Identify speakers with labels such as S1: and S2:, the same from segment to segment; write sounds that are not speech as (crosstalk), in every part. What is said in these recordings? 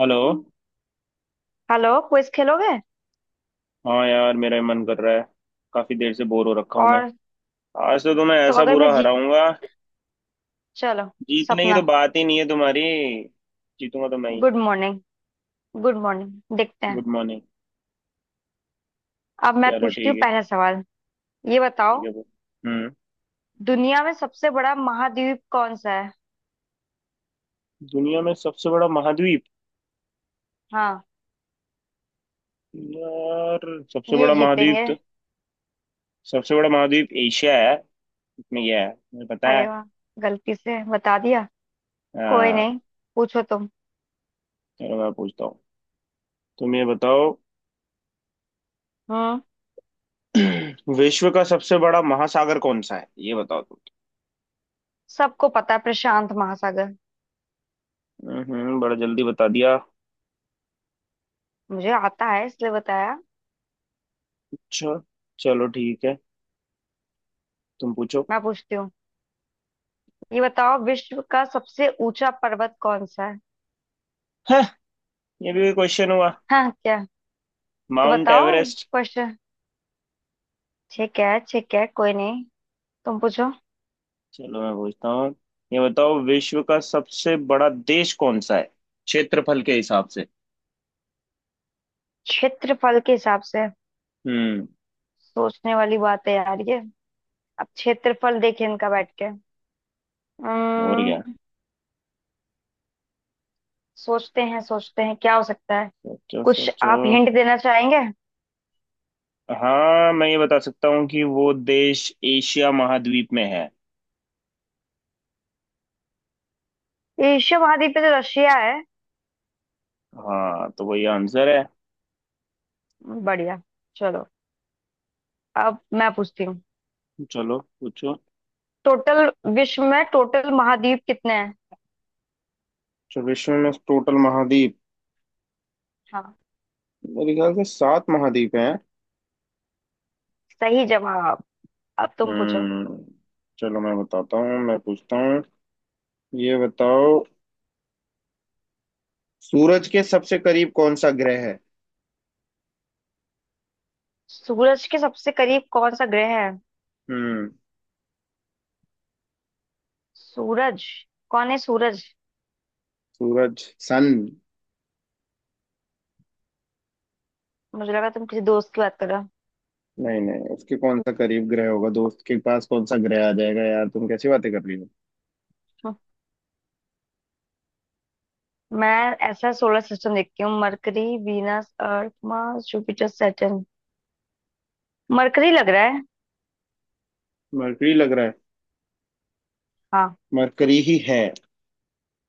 S1: Hello.
S2: Hello, quiz खेलोगे।
S1: हाँ यार मेरा ही मन कर रहा है। काफी देर से बोर हो रखा हूं मैं।
S2: और?
S1: आज तो तुम्हें
S2: तो
S1: ऐसा
S2: अगर मैं
S1: बुरा
S2: जीत।
S1: हराऊंगा।
S2: चलो।
S1: जीतने की तो
S2: सपना।
S1: बात ही नहीं है तुम्हारी। जीतूंगा तो मैं ही।
S2: Good morning. गुड मॉर्निंग, देखते हैं।
S1: Good morning.
S2: अब मैं
S1: चलो
S2: पूछती
S1: ठीक
S2: हूँ
S1: है।
S2: पहला सवाल। ये
S1: ठीक
S2: बताओ,
S1: है वो। हम्म।
S2: दुनिया में सबसे बड़ा महाद्वीप कौन सा है।
S1: दुनिया में सबसे बड़ा महाद्वीप।
S2: हाँ।
S1: यार सबसे
S2: ये
S1: बड़ा महाद्वीप
S2: जीतेंगे।
S1: तो सबसे बड़ा महाद्वीप एशिया है। इसमें क्या है। मुझे पता
S2: अरे
S1: है।
S2: वाह, गलती से बता दिया। कोई
S1: हाँ।
S2: नहीं, पूछो तुम।
S1: चलो मैं पूछता हूँ। तुम ये बताओ।
S2: हम्म।
S1: (clears throat) विश्व का सबसे बड़ा महासागर कौन सा है ये बताओ तुम।
S2: सबको पता है, प्रशांत महासागर।
S1: बड़ा जल्दी बता दिया।
S2: मुझे आता है इसलिए बताया।
S1: अच्छा। चलो ठीक है। तुम पूछो।
S2: मैं पूछती हूँ। ये बताओ, विश्व का सबसे ऊंचा पर्वत कौन सा है।
S1: हाँ ये भी क्वेश्चन हुआ।
S2: हाँ क्या? तो
S1: माउंट
S2: बताओ
S1: एवरेस्ट।
S2: क्वेश्चन। ठीक है ठीक है, कोई नहीं। तुम पूछो।
S1: चलो मैं पूछता हूँ। ये बताओ विश्व का सबसे बड़ा देश कौन सा है क्षेत्रफल के हिसाब से।
S2: क्षेत्रफल के हिसाब से?
S1: हम्म।
S2: सोचने वाली बात है यार ये। अब क्षेत्रफल देखें इनका बैठ के।
S1: और क्या।
S2: अम्म, सोचते हैं, सोचते हैं क्या हो सकता है।
S1: सोचो
S2: कुछ
S1: सोचो।
S2: आप हिंट देना चाहेंगे?
S1: हाँ मैं ये बता सकता हूँ कि वो देश एशिया महाद्वीप में है।
S2: एशिया महाद्वीप पे तो रशिया है।
S1: हाँ तो वही आंसर है।
S2: बढ़िया। चलो अब मैं पूछती हूँ।
S1: चलो पूछो।
S2: टोटल विश्व में टोटल महाद्वीप कितने हैं?
S1: अच्छा विश्व में टोटल महाद्वीप।
S2: हाँ।
S1: मेरे ख्याल से सात महाद्वीप हैं।
S2: सही जवाब। अब तुम पूछो।
S1: हम्म। चलो मैं पूछता हूँ। ये बताओ सूरज के सबसे करीब कौन सा ग्रह है।
S2: सूरज के सबसे करीब कौन सा ग्रह है?
S1: हम्म।
S2: सूरज? कौन है सूरज?
S1: सूरज सन।
S2: मुझे लगा तुम किसी दोस्त की बात कर रहे हो।
S1: नहीं नहीं उसके कौन सा करीब ग्रह होगा? दोस्त के पास कौन सा ग्रह आ जाएगा यार? तुम कैसी बातें कर रही हो।
S2: हम्म। मैं ऐसा सोलर सिस्टम देखती हूँ। Mercury, Venus, Earth, Mars, Jupiter, Saturn. Mercury लग रहा है।
S1: मरकरी लग रहा है।
S2: हाँ।
S1: मरकरी ही है।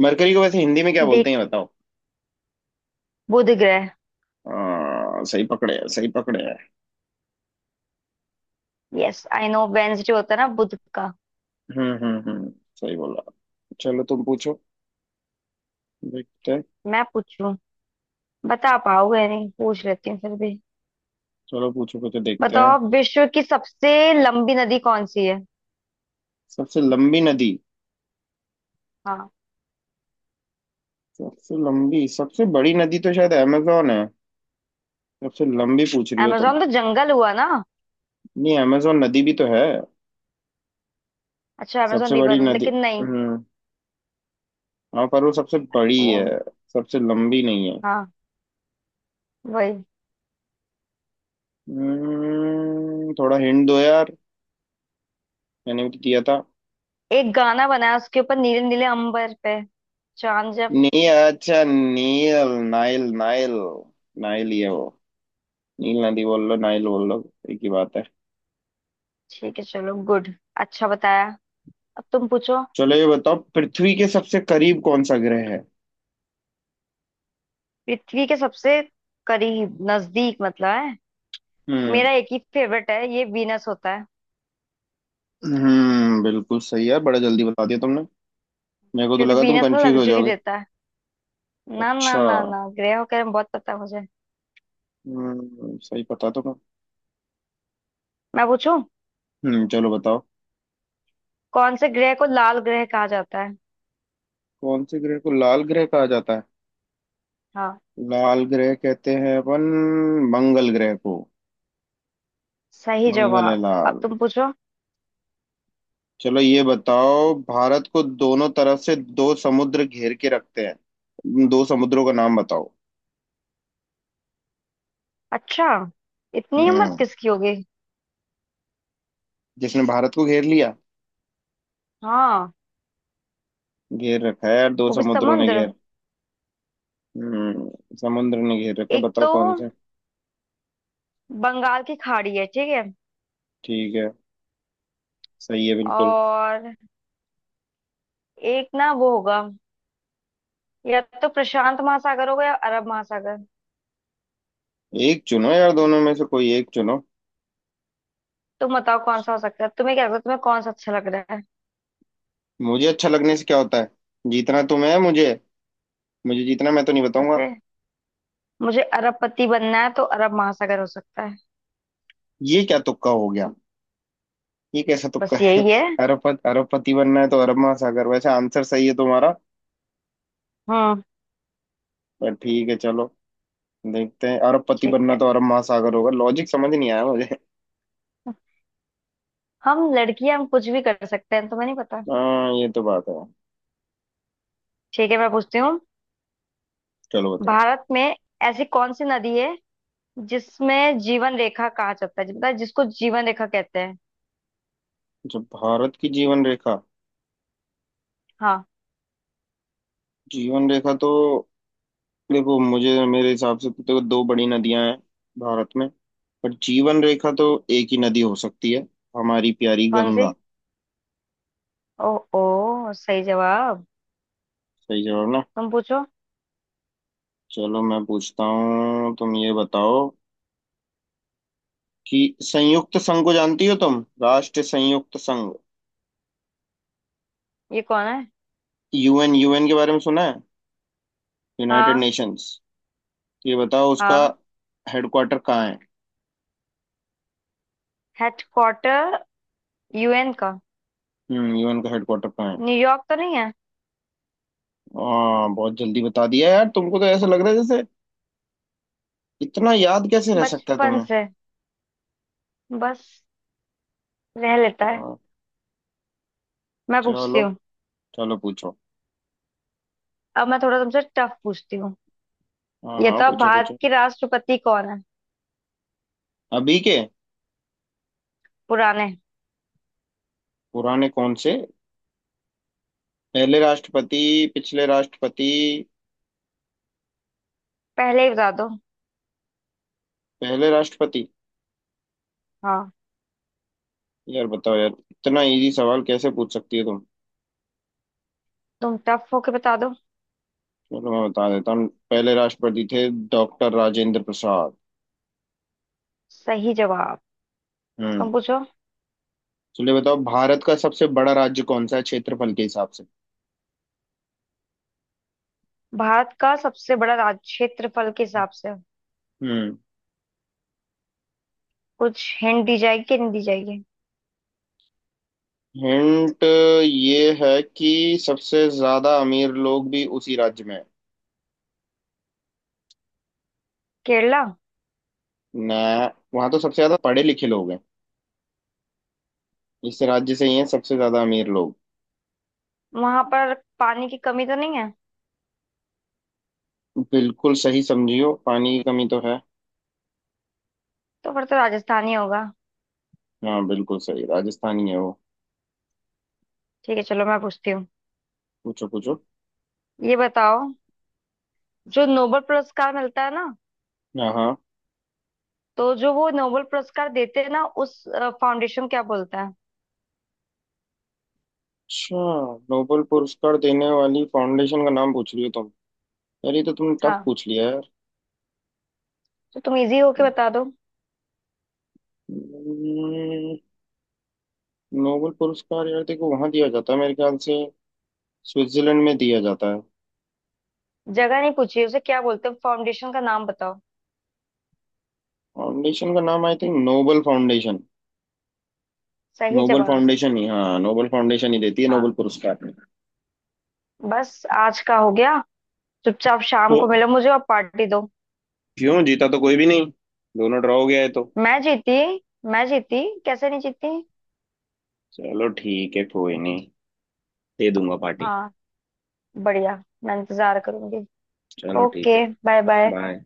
S1: मरकरी को वैसे हिंदी में क्या
S2: देख,
S1: बोलते हैं ये बताओ।
S2: बुध ग्रह।
S1: सही पकड़े हैं सही पकड़े हैं।
S2: यस आई नो, वेंसडे होता है ना बुध का।
S1: हम्म। सही बोला। चलो तुम पूछो। देखते हैं।
S2: मैं पूछूं? बता पाओगे नहीं, पूछ लेती हूँ फिर भी।
S1: चलो पूछो पूछो देखते हैं।
S2: बताओ, विश्व की सबसे लंबी नदी कौन सी है?
S1: सबसे लंबी नदी।
S2: हाँ।
S1: सबसे लंबी सबसे बड़ी नदी तो शायद अमेजोन है। सबसे लंबी पूछ रही हो तुम?
S2: amazon तो जंगल हुआ ना।
S1: नहीं अमेजोन नदी भी तो है।
S2: अच्छा, amazon
S1: सबसे बड़ी
S2: रिवर,
S1: नदी।
S2: लेकिन नहीं।
S1: हम्म। हाँ पर वो सबसे बड़ी
S2: वो।
S1: है, सबसे लंबी नहीं है।
S2: हाँ, वही।
S1: थोड़ा हिंट दो यार। मैंने भी तो दिया था।
S2: एक गाना बनाया उसके ऊपर, नीले नीले अंबर पे चांद।
S1: नी अच्छा नील नाइल नाइल। नाइल ही है वो। नील नदी बोल लो नाइल बोल लो, एक ही बात है।
S2: ठीक है, चलो गुड। अच्छा बताया। अब तुम पूछो।
S1: चलो ये बताओ पृथ्वी के सबसे करीब कौन सा ग्रह है।
S2: पृथ्वी के सबसे करीब, नजदीक मतलब है?
S1: हम्म।
S2: मेरा एक ही फेवरेट है, ये वीनस होता है।
S1: बिल्कुल सही है, बड़ा जल्दी बता दिया तुमने। मेरे को तो
S2: क्योंकि
S1: लगा तुम
S2: वीनस में
S1: कंफ्यूज हो
S2: लग्जरी
S1: जाओगे।
S2: देता है। ना ना
S1: अच्छा।
S2: ना ना, ग्रहों के बारे में बहुत पता है मुझे।
S1: सही पता तो मैं।
S2: मैं पूछूं?
S1: चलो बताओ।
S2: कौन से ग्रह को लाल ग्रह कहा जाता है?
S1: कौन से ग्रह को लाल ग्रह कहा जाता है?
S2: हाँ।
S1: लाल ग्रह कहते हैं अपन मंगल ग्रह को।
S2: सही
S1: मंगल है
S2: जवाब। अब
S1: लाल।
S2: तुम पूछो।
S1: चलो ये बताओ भारत को दोनों तरफ से दो समुद्र घेर के रखते हैं, दो समुद्रों का नाम बताओ।
S2: अच्छा। इतनी हिम्मत
S1: हम्म।
S2: किसकी होगी?
S1: जिसने भारत को घेर लिया
S2: हाँ।
S1: घेर रखा है यार दो
S2: वो भी
S1: समुद्रों ने
S2: समुद्र।
S1: घेर। समुद्र ने घेर रखा है,
S2: एक
S1: बताओ
S2: तो
S1: कौन से।
S2: बंगाल की खाड़ी है, ठीक है।
S1: ठीक है। सही है बिल्कुल।
S2: और एक ना वो होगा, या तो प्रशांत महासागर होगा या अरब महासागर।
S1: एक चुनो यार, दोनों में से कोई एक चुनो।
S2: तुम बताओ कौन सा हो सकता है, तुम्हें क्या लगता है, तुम्हें कौन सा अच्छा लग रहा है?
S1: मुझे अच्छा लगने से क्या होता है? जीतना तुम्हें है मुझे। मुझे जीतना, मैं तो नहीं बताऊंगा।
S2: वैसे, मुझे अरबपति बनना है तो अरब महासागर हो सकता है।
S1: ये क्या तुक्का हो गया? ये कैसा तुक्का
S2: बस
S1: है
S2: यही है।
S1: (laughs) अरबपति अरबपति बनना है तो अरब महासागर? वैसे आंसर सही है तुम्हारा।
S2: हम्म।
S1: पर ठीक है चलो, देखते हैं। अरबपति
S2: ठीक
S1: बनना
S2: है।
S1: तो अरब महासागर होगा, लॉजिक समझ नहीं आया मुझे (laughs)
S2: हम लड़कियां, हम कुछ भी कर सकते हैं, तुम्हें नहीं पता।
S1: हाँ ये तो बात है।
S2: ठीक है, मैं पूछती हूँ।
S1: चलो बताओ।
S2: भारत में ऐसी कौन सी नदी है जिसमें जीवन रेखा कहा जाता है, मतलब जिसको जीवन रेखा कहते हैं?
S1: जब भारत की जीवन रेखा।
S2: हाँ।
S1: जीवन रेखा तो देखो मुझे, मेरे हिसाब से तो दो बड़ी नदियां हैं भारत में, पर जीवन रेखा तो एक ही नदी हो सकती है, हमारी प्यारी
S2: कौन सी?
S1: गंगा।
S2: ओ। ओ, सही जवाब।
S1: सही जवाब ना।
S2: तुम पूछो।
S1: चलो मैं पूछता हूँ। तुम ये बताओ कि संयुक्त संघ को जानती हो तुम? राष्ट्र संयुक्त संघ।
S2: ये कौन है?
S1: यूएन, यूएन के बारे में सुना है? यूनाइटेड
S2: हाँ।
S1: नेशंस। ये बताओ उसका
S2: हाँ।
S1: हेडक्वार्टर कहाँ है।
S2: हेडक्वार्टर, यूएन का?
S1: यूएन का हेडक्वार्टर कहाँ है?
S2: न्यूयॉर्क तो नहीं है?
S1: हाँ बहुत जल्दी बता दिया यार तुमको, तो ऐसा लग रहा है जैसे इतना याद कैसे रह सकता है
S2: बचपन
S1: तुम्हें।
S2: से बस रह लेता है।
S1: हाँ।
S2: मैं पूछती
S1: चलो।
S2: हूँ।
S1: चलो पूछो।
S2: अब मैं थोड़ा तुमसे टफ पूछती हूँ।
S1: हाँ
S2: ये
S1: हाँ
S2: तो अब,
S1: पूछो
S2: भारत
S1: पूछो।
S2: के राष्ट्रपति कौन है?
S1: अभी के?
S2: पुराने।
S1: पुराने कौन से? पहले राष्ट्रपति? पिछले राष्ट्रपति?
S2: पहले ही बता दो।
S1: पहले राष्ट्रपति?
S2: हाँ।
S1: यार बताओ यार इतना इजी सवाल कैसे पूछ सकती है तुम।
S2: तुम टफ होके बता दो।
S1: चलो मैं बता देता हूँ, पहले राष्ट्रपति थे डॉक्टर राजेंद्र प्रसाद।
S2: सही जवाब।
S1: हम्म।
S2: तुम पूछो।
S1: चलिए बताओ भारत का सबसे बड़ा राज्य कौन सा है क्षेत्रफल के हिसाब से।
S2: भारत का सबसे बड़ा राज्य क्षेत्रफल के हिसाब से?
S1: हम्म।
S2: कुछ हिंट दी जाएगी कि नहीं दी जाएगी?
S1: हिंट ये है कि सबसे ज्यादा अमीर लोग भी उसी राज्य में हैं।
S2: केरला।
S1: ना वहां तो सबसे ज्यादा पढ़े लिखे लोग हैं। इस राज्य से ही हैं सबसे ज्यादा अमीर लोग।
S2: वहां पर पानी की कमी तो नहीं है?
S1: बिल्कुल सही समझियो, पानी की कमी तो है।
S2: तो फिर तो राजस्थान ही होगा।
S1: हाँ बिल्कुल सही राजस्थान ही है वो।
S2: ठीक है चलो, मैं पूछती हूँ।
S1: पूछो पूछो।
S2: ये बताओ, जो नोबेल पुरस्कार मिलता है ना,
S1: हाँ हाँ।
S2: तो जो वो नोबेल पुरस्कार देते हैं ना, उस फाउंडेशन क्या बोलता है?
S1: अच्छा, नोबेल पुरस्कार देने वाली फाउंडेशन का नाम पूछ रही हो? यार ये तो तुमने टफ
S2: हाँ,
S1: पूछ लिया यार।
S2: तो तुम इजी होके बता दो।
S1: हम्म, नोबेल पुरस्कार यार देखो वहां दिया जाता है मेरे ख्याल से स्विट्जरलैंड में दिया जाता है।
S2: जगह नहीं पूछी, उसे क्या बोलते हैं, फाउंडेशन का नाम बताओ।
S1: फाउंडेशन का नाम आई थिंक नोबेल फाउंडेशन।
S2: सही
S1: नोबेल
S2: जवाब।
S1: फाउंडेशन ही, हाँ नोबेल फाउंडेशन ही देती है
S2: हाँ।
S1: नोबेल पुरस्कार।
S2: बस, आज का हो गया। चुपचाप शाम
S1: को
S2: को मिलो मुझे और पार्टी दो।
S1: क्यों? जीता तो कोई भी नहीं, दोनों ड्रॉ हो गया है तो।
S2: मैं जीती। मैं जीती, कैसे नहीं जीती।
S1: चलो ठीक है कोई नहीं, दे दूंगा पार्टी।
S2: हाँ, बढ़िया, मैं इंतजार करूंगी।
S1: चलो ठीक है।
S2: Okay, bye bye.
S1: बाय।